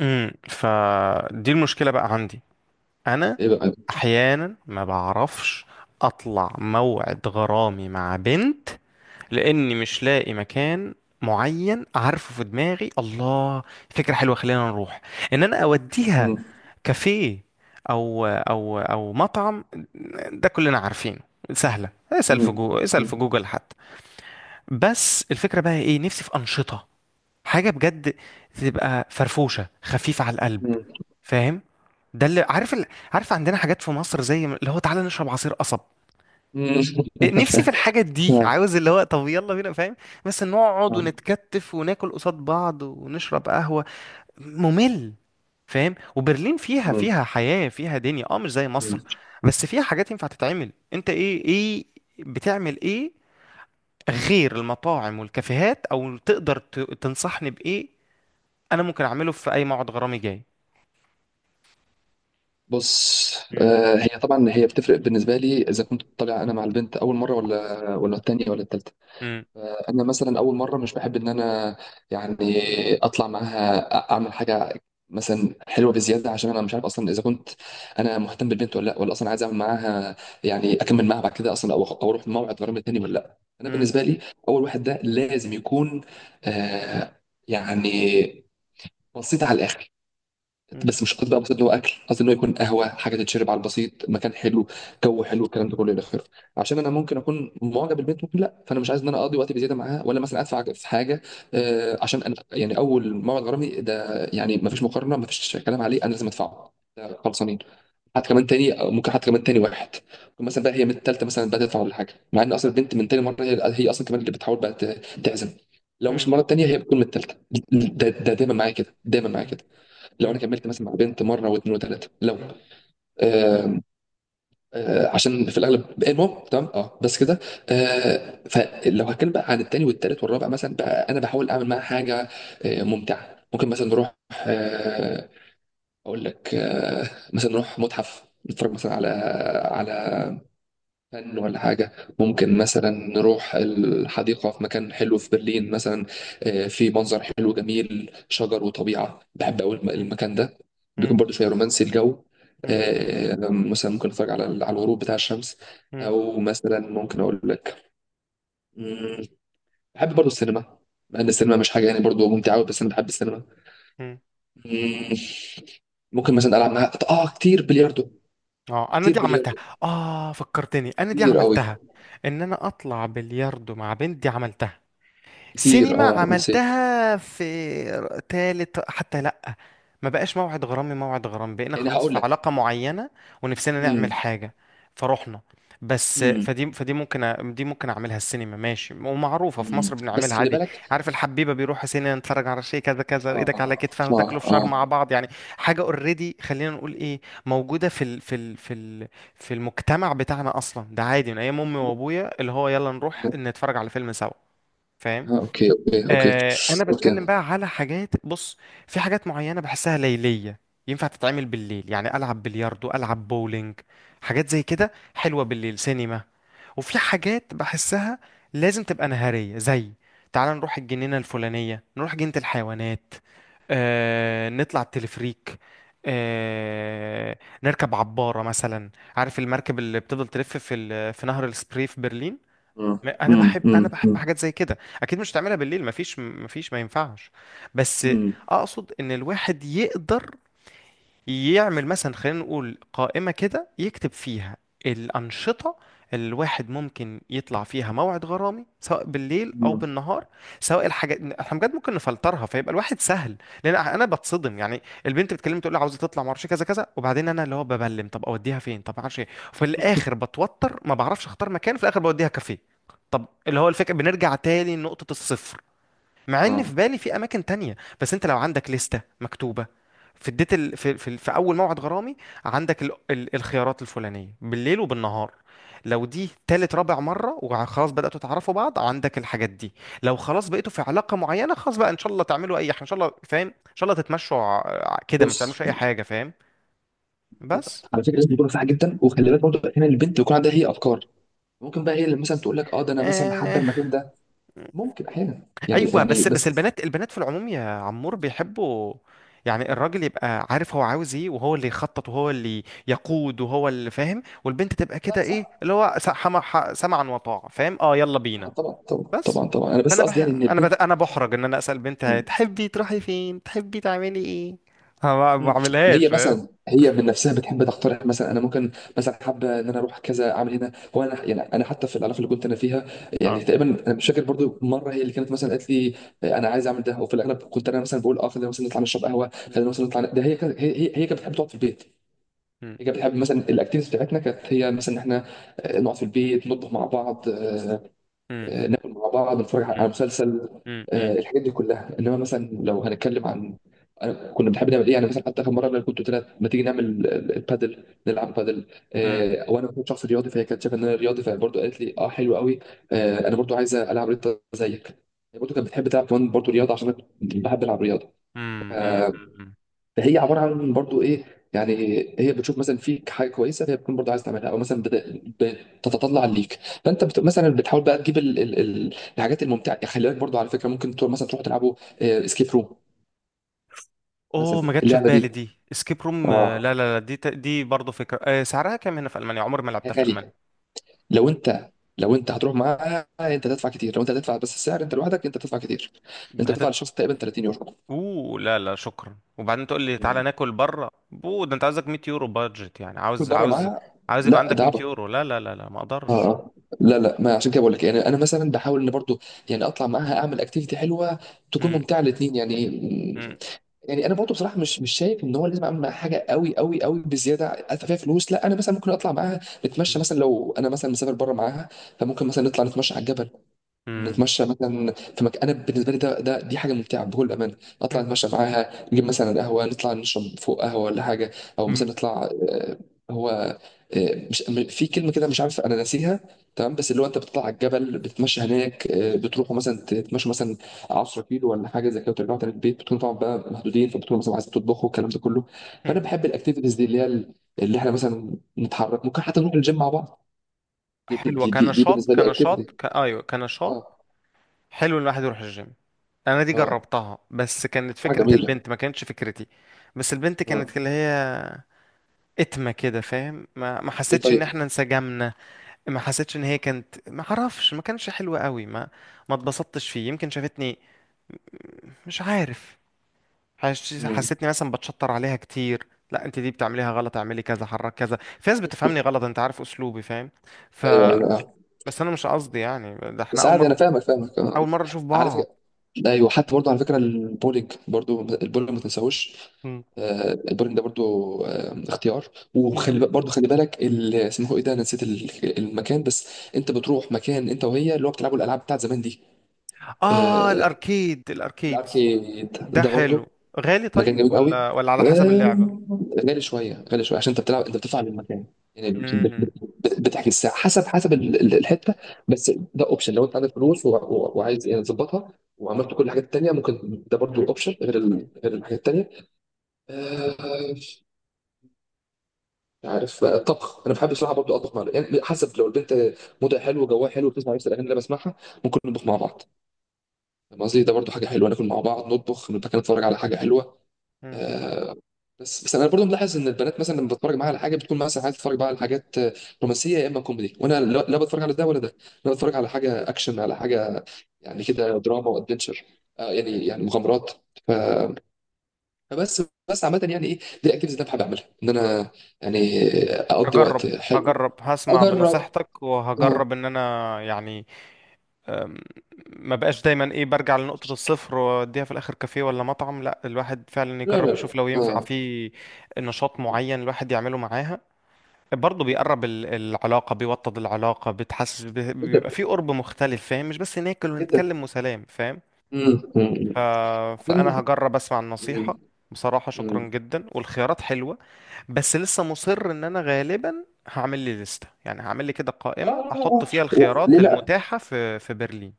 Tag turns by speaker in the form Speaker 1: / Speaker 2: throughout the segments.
Speaker 1: فدي المشكله بقى عندي انا.
Speaker 2: ايه بقى.
Speaker 1: احيانا ما بعرفش اطلع موعد غرامي مع بنت لاني مش لاقي مكان معين، عارفه في دماغي. الله، فكره حلوه، خلينا نروح ان انا اوديها
Speaker 2: مم.
Speaker 1: كافيه او مطعم، ده كلنا عارفينه سهله. اسال في
Speaker 2: مم.
Speaker 1: جوجل، اسال في
Speaker 2: مم.
Speaker 1: جوجل حتى. بس الفكره بقى ايه، نفسي في انشطه، حاجه بجد تبقى فرفوشه خفيفه على القلب،
Speaker 2: مم.
Speaker 1: فاهم؟ ده عارف عندنا حاجات في مصر زي اللي هو تعالى نشرب عصير قصب.
Speaker 2: مم.
Speaker 1: إيه، نفسي في الحاجات دي،
Speaker 2: آه.
Speaker 1: عاوز اللي هو طب يلا بينا، فاهم؟ بس نقعد
Speaker 2: آه.
Speaker 1: ونتكتف وناكل قصاد بعض ونشرب قهوة، ممل. فاهم؟ وبرلين فيها
Speaker 2: مم.
Speaker 1: فيها حياة فيها دنيا، اه مش زي مصر،
Speaker 2: مم.
Speaker 1: بس فيها حاجات ينفع تتعمل. انت ايه، ايه بتعمل ايه غير المطاعم والكافيهات، او تقدر تنصحني بايه انا ممكن اعمله في اي موعد غرامي جاي؟
Speaker 2: بص،
Speaker 1: مم.
Speaker 2: آه هي طبعا هي بتفرق بالنسبه لي اذا كنت طالع انا مع البنت اول مره ولا التانيه ولا التالته.
Speaker 1: مم.
Speaker 2: انا مثلا اول مره مش بحب ان انا، يعني، اطلع معاها اعمل حاجه مثلا حلوه بزياده، عشان انا مش عارف اصلا اذا كنت انا مهتم بالبنت ولا لا، ولا اصلا عايز اعمل معاها يعني اكمل معاها بعد كده اصلا، او اروح موعد غرام تاني ولا لا. انا
Speaker 1: مم.
Speaker 2: بالنسبه لي اول واحد ده لازم يكون، آه، يعني، بسيط على الاخر.
Speaker 1: مم.
Speaker 2: بس مش قصدي بقى بسيط اللي هو اكل، قصدي ان هو يكون قهوه، حاجه تتشرب على البسيط، مكان حلو، جو حلو، الكلام ده كله الى اخره. عشان انا ممكن اكون معجب بالبنت ممكن لا، فانا مش عايز ان انا اقضي وقتي بزياده معاها ولا مثلا ادفع في حاجه. آه، عشان انا يعني اول موعد غرامي ده يعني ما فيش مقارنه ما فيش كلام عليه، انا لازم ادفعه، ده خلصانين. حتى كمان تاني ممكن، حتى كمان تاني واحد ممكن مثلا بقى هي من التالتة مثلا بقى تدفع ولا حاجه، مع ان اصلا البنت من تاني مره هي اصلا كمان اللي بتحاول بقى تعزم. لو مش
Speaker 1: مم.
Speaker 2: المره التانيه هي بتكون من التالتة. ده دايما معايا كده، دايما معايا كده. لو انا
Speaker 1: مم.
Speaker 2: كملت مثلا مع بنت مره واثنين وثلاثه لو،
Speaker 1: مم. مم.
Speaker 2: آه، آه، عشان في الاغلب المهم تمام، اه بس كده. آه، فلو هتكلم بقى عن التاني والتالت والرابع مثلا بقى انا بحاول اعمل معاها حاجه آه ممتعه. ممكن مثلا نروح، آه، اقول لك، آه، مثلا نروح متحف نتفرج مثلا على على فن ولا حاجة. ممكن مثلا نروح الحديقة في مكان حلو في برلين مثلا. آه، في منظر حلو جميل، شجر وطبيعة، بحب أوي
Speaker 1: مم.
Speaker 2: المكان ده. بيكون
Speaker 1: مم.
Speaker 2: برضو شوية رومانسي الجو.
Speaker 1: مم.
Speaker 2: آه، مثلا ممكن أتفرج على على الغروب بتاع الشمس،
Speaker 1: مم.
Speaker 2: أو مثلا ممكن أقول لك، مم، بحب برضو السينما. مع إن السينما مش حاجة يعني برضو ممتعة أوي، بس أنا بحب السينما.
Speaker 1: مم.
Speaker 2: مم، ممكن مثلا ألعب معاها آه كتير بلياردو،
Speaker 1: اه، انا
Speaker 2: كتير
Speaker 1: دي عملتها.
Speaker 2: بلياردو،
Speaker 1: اه، فكرتني، انا دي
Speaker 2: كتير أوي،
Speaker 1: عملتها، ان انا اطلع بلياردو مع بنت، دي عملتها.
Speaker 2: كتير
Speaker 1: سينما
Speaker 2: آه نسيت.
Speaker 1: عملتها في تالت حتى، لأ ما بقاش موعد غرامي، موعد غرامي بقينا
Speaker 2: يعني
Speaker 1: خلاص
Speaker 2: هقول
Speaker 1: في
Speaker 2: لك،
Speaker 1: علاقة معينة ونفسنا نعمل حاجة فروحنا. بس
Speaker 2: امم،
Speaker 1: فدي ممكن دي ممكن اعملها. السينما ماشي، ومعروفة في مصر،
Speaker 2: امم، بس
Speaker 1: بنعملها
Speaker 2: خلي
Speaker 1: عادي.
Speaker 2: بالك.
Speaker 1: عارف الحبيبة بيروحوا سينما، نتفرج على شيء كذا كذا،
Speaker 2: اه،
Speaker 1: وايدك على كتفها،
Speaker 2: اه،
Speaker 1: وتاكلوا
Speaker 2: اه،
Speaker 1: فشار مع بعض، يعني حاجة اوريدي، خلينا نقول ايه، موجودة في ال في المجتمع بتاعنا، اصلا ده عادي من ايام امي وابويا اللي هو يلا نروح نتفرج على فيلم سوا، فاهم؟
Speaker 2: آه، اوكي اوكي اوكي
Speaker 1: آه، انا بتكلم
Speaker 2: اوكي.
Speaker 1: بقى على حاجات. بص، في حاجات معينه بحسها ليليه، ينفع تتعمل بالليل، يعني العب بلياردو، العب بولينج، حاجات زي كده حلوه بالليل، سينما. وفي حاجات بحسها لازم تبقى نهاريه، زي تعال نروح الجنينه الفلانيه، نروح جنينه الحيوانات، آه، نطلع التلفريك، آه، نركب عبارة مثلا، عارف المركب اللي بتفضل تلف في في نهر السبري في برلين. انا
Speaker 2: امم،
Speaker 1: بحب
Speaker 2: امم،
Speaker 1: انا بحب حاجات زي كده، اكيد مش هتعملها بالليل، مفيش ما ينفعش. بس
Speaker 2: امم،
Speaker 1: اقصد ان الواحد يقدر يعمل مثلا، خلينا نقول قائمة كده يكتب فيها الأنشطة اللي الواحد ممكن يطلع فيها موعد غرامي، سواء بالليل او
Speaker 2: امم.
Speaker 1: بالنهار، سواء الحاجات احنا بجد ممكن نفلترها، فيبقى الواحد سهل. لان انا بتصدم، يعني البنت بتكلمني تقول لي عاوزه تطلع، ما اعرفش كذا كذا، وبعدين انا اللي هو ببلم، طب اوديها فين، طب ما اعرفش ايه، وفي الاخر بتوتر ما بعرفش اختار مكان، في الاخر بوديها كافيه. طب اللي هو الفكره بنرجع تاني لنقطه الصفر، مع ان في
Speaker 2: اه،
Speaker 1: بالي في اماكن تانية. بس انت لو عندك لستة مكتوبة في اديت في اول موعد غرامي، عندك الخيارات الفلانية بالليل وبالنهار، لو دي تالت رابع مرة وخلاص بدأتوا تعرفوا بعض عندك الحاجات دي، لو خلاص بقيتوا في علاقة معينة خلاص بقى ان شاء الله تعملوا اي حاجة، ان شاء الله، فاهم، ان شاء الله تتمشوا كده، ما
Speaker 2: بص،
Speaker 1: بتعملوش اي حاجة، فاهم؟ بس
Speaker 2: على فكره لازم تكون صح جدا، وخلي بالك برضه احيانا البنت بيكون عندها هي افكار، ممكن بقى هي اللي مثلا تقول لك اه ده انا مثلا حابه
Speaker 1: آه،
Speaker 2: المكان ده. ممكن احيانا يعني
Speaker 1: ايوه،
Speaker 2: يعني
Speaker 1: بس
Speaker 2: بس.
Speaker 1: البنات في العموم يا عمور بيحبوا يعني الراجل يبقى عارف هو عاوز ايه، وهو اللي يخطط، وهو اللي يقود، وهو اللي فاهم، والبنت تبقى كده
Speaker 2: صح
Speaker 1: ايه
Speaker 2: صح.
Speaker 1: اللي هو سمعا وطاعة، فاهم؟ اه يلا بينا.
Speaker 2: طبعا طبعا طبعا
Speaker 1: بس
Speaker 2: طبعا طبعا، انا بس
Speaker 1: فانا بح...
Speaker 2: قصدي يعني ان
Speaker 1: انا بت...
Speaker 2: البنت.
Speaker 1: انا بحرج ان انا اسال بنت
Speaker 2: مم.
Speaker 1: تحبي تروحي فين، تحبي تعملي ايه؟ أنا ما
Speaker 2: مم.
Speaker 1: بعملهاش،
Speaker 2: هي
Speaker 1: فاهم؟
Speaker 2: مثلا هي من نفسها بتحب تقترح، مثلا انا ممكن مثلا حابه ان انا اروح كذا اعمل هنا، وانا يعني انا حتى في العلاقه اللي كنت انا فيها،
Speaker 1: اه.
Speaker 2: يعني تقريبا انا مش فاكر برضو مره هي اللي كانت مثلا قالت لي آه، انا عايز اعمل ده. وفي الاغلب كنت انا مثلا بقول اه خلينا مثلا نطلع نشرب قهوه،
Speaker 1: م-
Speaker 2: خلينا مثلا نطلع ده، هي كانت بتحب تقعد في البيت.
Speaker 1: م-
Speaker 2: هي كانت بتحب مثلا الاكتيفيتيز بتاعتنا كانت هي مثلا ان احنا، آه، نقعد في البيت نطبخ مع بعض، آه،
Speaker 1: م-
Speaker 2: آه، ناكل مع بعض نتفرج على
Speaker 1: م-
Speaker 2: مسلسل.
Speaker 1: م-
Speaker 2: آه،
Speaker 1: م-
Speaker 2: الحاجات دي كلها. انما مثلا لو هنتكلم عن أنا كنا بنحب نعمل ايه، يعني مثلا حتى اخر مره انا كنت قلت لها ما تيجي نعمل البادل، نلعب بادل.
Speaker 1: م-
Speaker 2: آه، وانا كنت شخص رياضي فهي كانت شايفه ان انا رياضي فبرضه قالت لي اه حلو قوي. آه، انا برضه عايزه العب رياضه زيك. هي برضه كانت بتحب تلعب كمان برضه رياضه عشان انا كنت بحب العب رياضه.
Speaker 1: م- م- م- م-
Speaker 2: هي عباره عن برضو ايه، يعني هي بتشوف مثلا فيك حاجه كويسه فهي بتكون برضو عايز تعملها، او مثلا بتتطلع ليك. فانت مثلا بتحاول بقى تجيب الحاجات الممتعه يعني. خلي بالك برضو على فكره ممكن تروح مثلا، تروحوا تلعبوا اسكيب روم. مثلا
Speaker 1: اوه، ما جاتش في
Speaker 2: اللعبه
Speaker 1: بالي
Speaker 2: دي
Speaker 1: دي، اسكيب روم. آه،
Speaker 2: اه
Speaker 1: لا لا لا، دي دي برضه فكره. آه، سعرها كام هنا في المانيا؟ عمري ما
Speaker 2: هي
Speaker 1: لعبتها في المانيا.
Speaker 2: غاليه. لو انت، لو انت هتروح معاها انت تدفع كتير، لو انت هتدفع بس السعر انت لوحدك انت تدفع كتير. انت تدفع
Speaker 1: هتت
Speaker 2: للشخص تقريبا 30 يورو.
Speaker 1: اوه لا لا شكرا، وبعدين تقول لي تعالى
Speaker 2: مم.
Speaker 1: ناكل بره، بو ده انت عاوزك 100 يورو بادجت، يعني
Speaker 2: كل
Speaker 1: عاوز
Speaker 2: بره
Speaker 1: عاوز
Speaker 2: معاها.
Speaker 1: عاوز يبقى
Speaker 2: لا
Speaker 1: عندك
Speaker 2: ده
Speaker 1: 100
Speaker 2: عبط.
Speaker 1: يورو. لا لا لا لا، ما
Speaker 2: اه
Speaker 1: اقدرش.
Speaker 2: اه. لا لا، ما عشان كده بقول لك يعني انا مثلا بحاول ان برضو، يعني اطلع معاها اعمل اكتيفيتي حلوه تكون
Speaker 1: مم.
Speaker 2: ممتعه الاثنين يعني.
Speaker 1: مم.
Speaker 2: يعني انا برضو بصراحه مش شايف ان هو لازم اعمل معاها حاجه قوي قوي قوي بزياده، ادفع فيها فلوس، لا. انا مثلا ممكن اطلع معاها
Speaker 1: مم.
Speaker 2: نتمشى مثلا، لو انا مثلا مسافر بره معاها فممكن مثلا نطلع نتمشى على الجبل،
Speaker 1: مم.
Speaker 2: نتمشى مثلا في مكان. انا بالنسبه لي ده دي حاجه ممتعه بكل امانه. نطلع
Speaker 1: مم.
Speaker 2: نتمشى معاها، نجيب مثلا قهوه، نطلع نشرب فوق قهوه ولا حاجه. او مثلا
Speaker 1: مم.
Speaker 2: نطلع، آه، هو، آه، مش م- في كلمه كده مش عارف انا ناسيها، تمام، بس اللي هو انت بتطلع على الجبل بتتمشى هناك، آه، بتروحوا مثلا تتمشوا مثلا 10 كيلو ولا حاجه زي كده، وترجعوا تاني البيت. بتكونوا طبعا بقى محدودين، فبتكونوا مثلا عايزين تطبخوا الكلام ده كله. فانا
Speaker 1: مم.
Speaker 2: بحب الاكتيفيتيز دي اللي هي اللي احنا مثلا نتحرك، ممكن حتى نروح الجيم مع بعض.
Speaker 1: حلوه،
Speaker 2: دي
Speaker 1: كنشاط،
Speaker 2: بالنسبه لي اكتيفيتي.
Speaker 1: ايوه كنشاط،
Speaker 2: اه
Speaker 1: حلو الواحد يروح الجيم. انا دي
Speaker 2: اه.
Speaker 1: جربتها بس كانت
Speaker 2: حاجه
Speaker 1: فكره البنت،
Speaker 2: جميله.
Speaker 1: ما كانتش فكرتي. بس البنت كانت
Speaker 2: اه
Speaker 1: اللي هي اتمة كده، فاهم، ما
Speaker 2: دي
Speaker 1: حسيتش ان
Speaker 2: طريقة.
Speaker 1: احنا انسجمنا، ما حسيتش ان هي كانت، ما اعرفش، ما كانش حلو قوي، ما اتبسطتش فيه. يمكن شافتني، مش عارف،
Speaker 2: امم،
Speaker 1: حسيتني مثلا بتشطر عليها كتير، لا انت دي بتعمليها غلط، اعملي كذا، حرك كذا، في ناس بتفهمني غلط، انت عارف اسلوبي، فاهم؟ ف
Speaker 2: ايوه ايوه آه.
Speaker 1: بس انا مش قصدي، يعني ده احنا
Speaker 2: بس
Speaker 1: اول
Speaker 2: عادي
Speaker 1: مرة،
Speaker 2: انا فاهمك فاهمك آه.
Speaker 1: اول مرة نشوف
Speaker 2: على
Speaker 1: بعض.
Speaker 2: فكرة، ايوه، حتى برضه على فكرة البولينج، برضه البولينج ما تنساهوش.
Speaker 1: م.
Speaker 2: آه، البولينج ده برضه، آه، اختيار.
Speaker 1: م.
Speaker 2: وخلي برضه خلي بالك اسمه ايه ده، أنا نسيت المكان، بس انت بتروح مكان انت وهي اللي هو بتلعبوا الالعاب بتاعت زمان دي.
Speaker 1: اه
Speaker 2: آه،
Speaker 1: الاركيد، الاركيدز،
Speaker 2: الاركيد
Speaker 1: ده
Speaker 2: ده
Speaker 1: حلو.
Speaker 2: برضه
Speaker 1: غالي؟
Speaker 2: مكان
Speaker 1: طيب،
Speaker 2: جميل قوي.
Speaker 1: ولا على حسب اللعبة.
Speaker 2: آه، غالي شويه، غالي شويه، عشان انت بتلعب انت بتدفع للمكان. يعني بتحجز الساعه حسب حسب الحته. بس ده اوبشن لو انت عندك فلوس وعايز يعني تظبطها وعملت كل الحاجات التانيه. ممكن ده برضو
Speaker 1: امم.
Speaker 2: اوبشن غير غير الحاجات التانيه. آه، مش عارف بقى الطبخ، انا بحب بصراحه برضو اطبخ مع، يعني حسب، لو البنت مودها حلو وجواها حلو وبتسمع نفس الاغاني اللي انا بسمعها ممكن نطبخ مع بعض. فاهم قصدي، ده برضو حاجه حلوه، ناكل مع بعض، نطبخ، نبقى نتفرج على حاجه حلوه. آه، بس بس انا برضو ملاحظ ان البنات مثلا لما بتفرج معاها على حاجه بتكون مثلا عايزه تتفرج بقى على حاجات آه رومانسيه، يا اما كوميدي، وانا لا لا بتفرج على ده ولا ده، انا بتفرج على حاجه اكشن، على حاجه يعني كده دراما وادفنشر، آه،
Speaker 1: مم.
Speaker 2: يعني يعني مغامرات. ف- فبس، بس عامه يعني ايه دي الاكتيفيتيز اللي انا بحب اعملها، ان انا يعني اقضي
Speaker 1: هجرب،
Speaker 2: وقت حلو.
Speaker 1: هجرب هسمع
Speaker 2: اجرب،
Speaker 1: بنصيحتك،
Speaker 2: اه.
Speaker 1: وهجرب ان انا يعني أم، ما بقاش دايما ايه برجع لنقطة الصفر واديها في الاخر كافيه ولا مطعم. لا، الواحد فعلا
Speaker 2: لا لا
Speaker 1: يجرب
Speaker 2: لا،
Speaker 1: يشوف لو ينفع
Speaker 2: اه.
Speaker 1: في نشاط معين الواحد يعمله معاها، برضه بيقرب العلاقة، بيوطد العلاقة، بتحسس
Speaker 2: جدا،
Speaker 1: بيبقى في قرب مختلف، فاهم، مش بس ناكل
Speaker 2: جدا.
Speaker 1: ونتكلم وسلام، فاهم؟
Speaker 2: امم،
Speaker 1: ف...
Speaker 2: امم. أمم.
Speaker 1: فانا هجرب اسمع
Speaker 2: أمم.
Speaker 1: النصيحة. بصراحة شكرا
Speaker 2: أمم.
Speaker 1: جدا، والخيارات حلوة. بس لسه مصر ان انا غالبا هعمل لي لستة، يعني هعمل لي كده
Speaker 2: اه،
Speaker 1: قائمة
Speaker 2: آه،
Speaker 1: احط
Speaker 2: آه،
Speaker 1: فيها
Speaker 2: ليه
Speaker 1: الخيارات
Speaker 2: لا.
Speaker 1: المتاحة في برلين،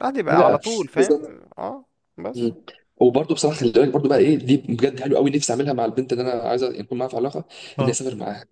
Speaker 1: بعد
Speaker 2: ليه
Speaker 1: يبقى على
Speaker 2: لا.
Speaker 1: طول، فاهم؟
Speaker 2: بالظبط.
Speaker 1: اه. بس
Speaker 2: مم. وبرضه بصراحه خلي بالك برضه بقى ايه دي بجد حلو قوي نفسي اعملها مع البنت اللي انا عايز يكون معاها في علاقه، اني
Speaker 1: اه
Speaker 2: اسافر معاها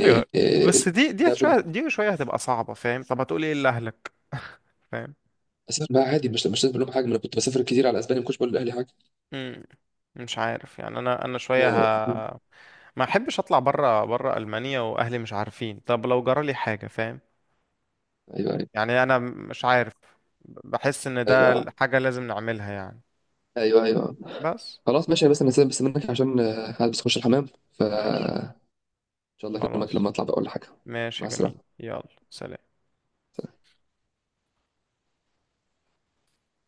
Speaker 1: ايوه،
Speaker 2: إيه،
Speaker 1: بس دي، دي
Speaker 2: ده بن...
Speaker 1: شوية دي شوية هتبقى صعبة، فاهم؟ طب هتقول ايه لأهلك؟ فاهم؟
Speaker 2: اسافر معاها عادي، مش مش لازم أقول لهم حاجه، ما انا كنت بسافر كتير على اسبانيا ما كنتش بقول لاهلي حاجه.
Speaker 1: مم. مش عارف يعني، انا شوية
Speaker 2: آه،
Speaker 1: ه... ما احبش اطلع بره ألمانيا واهلي مش عارفين، طب لو جرى لي حاجة، فاهم؟
Speaker 2: ايوه ايوه
Speaker 1: يعني انا مش عارف، بحس ان
Speaker 2: ايوه
Speaker 1: ده
Speaker 2: آه.
Speaker 1: حاجة لازم نعملها، يعني.
Speaker 2: ايوه ايوه آه.
Speaker 1: بس
Speaker 2: خلاص ماشي، بس انا سيبك بس منك عشان، آه، عايز بس اخش الحمام.
Speaker 1: ماشي.
Speaker 2: فان شاء الله اكلمك
Speaker 1: خلاص،
Speaker 2: لما اطلع بقول حاجه.
Speaker 1: ماشي،
Speaker 2: مع
Speaker 1: جميل.
Speaker 2: السلامه.
Speaker 1: يلا سلام.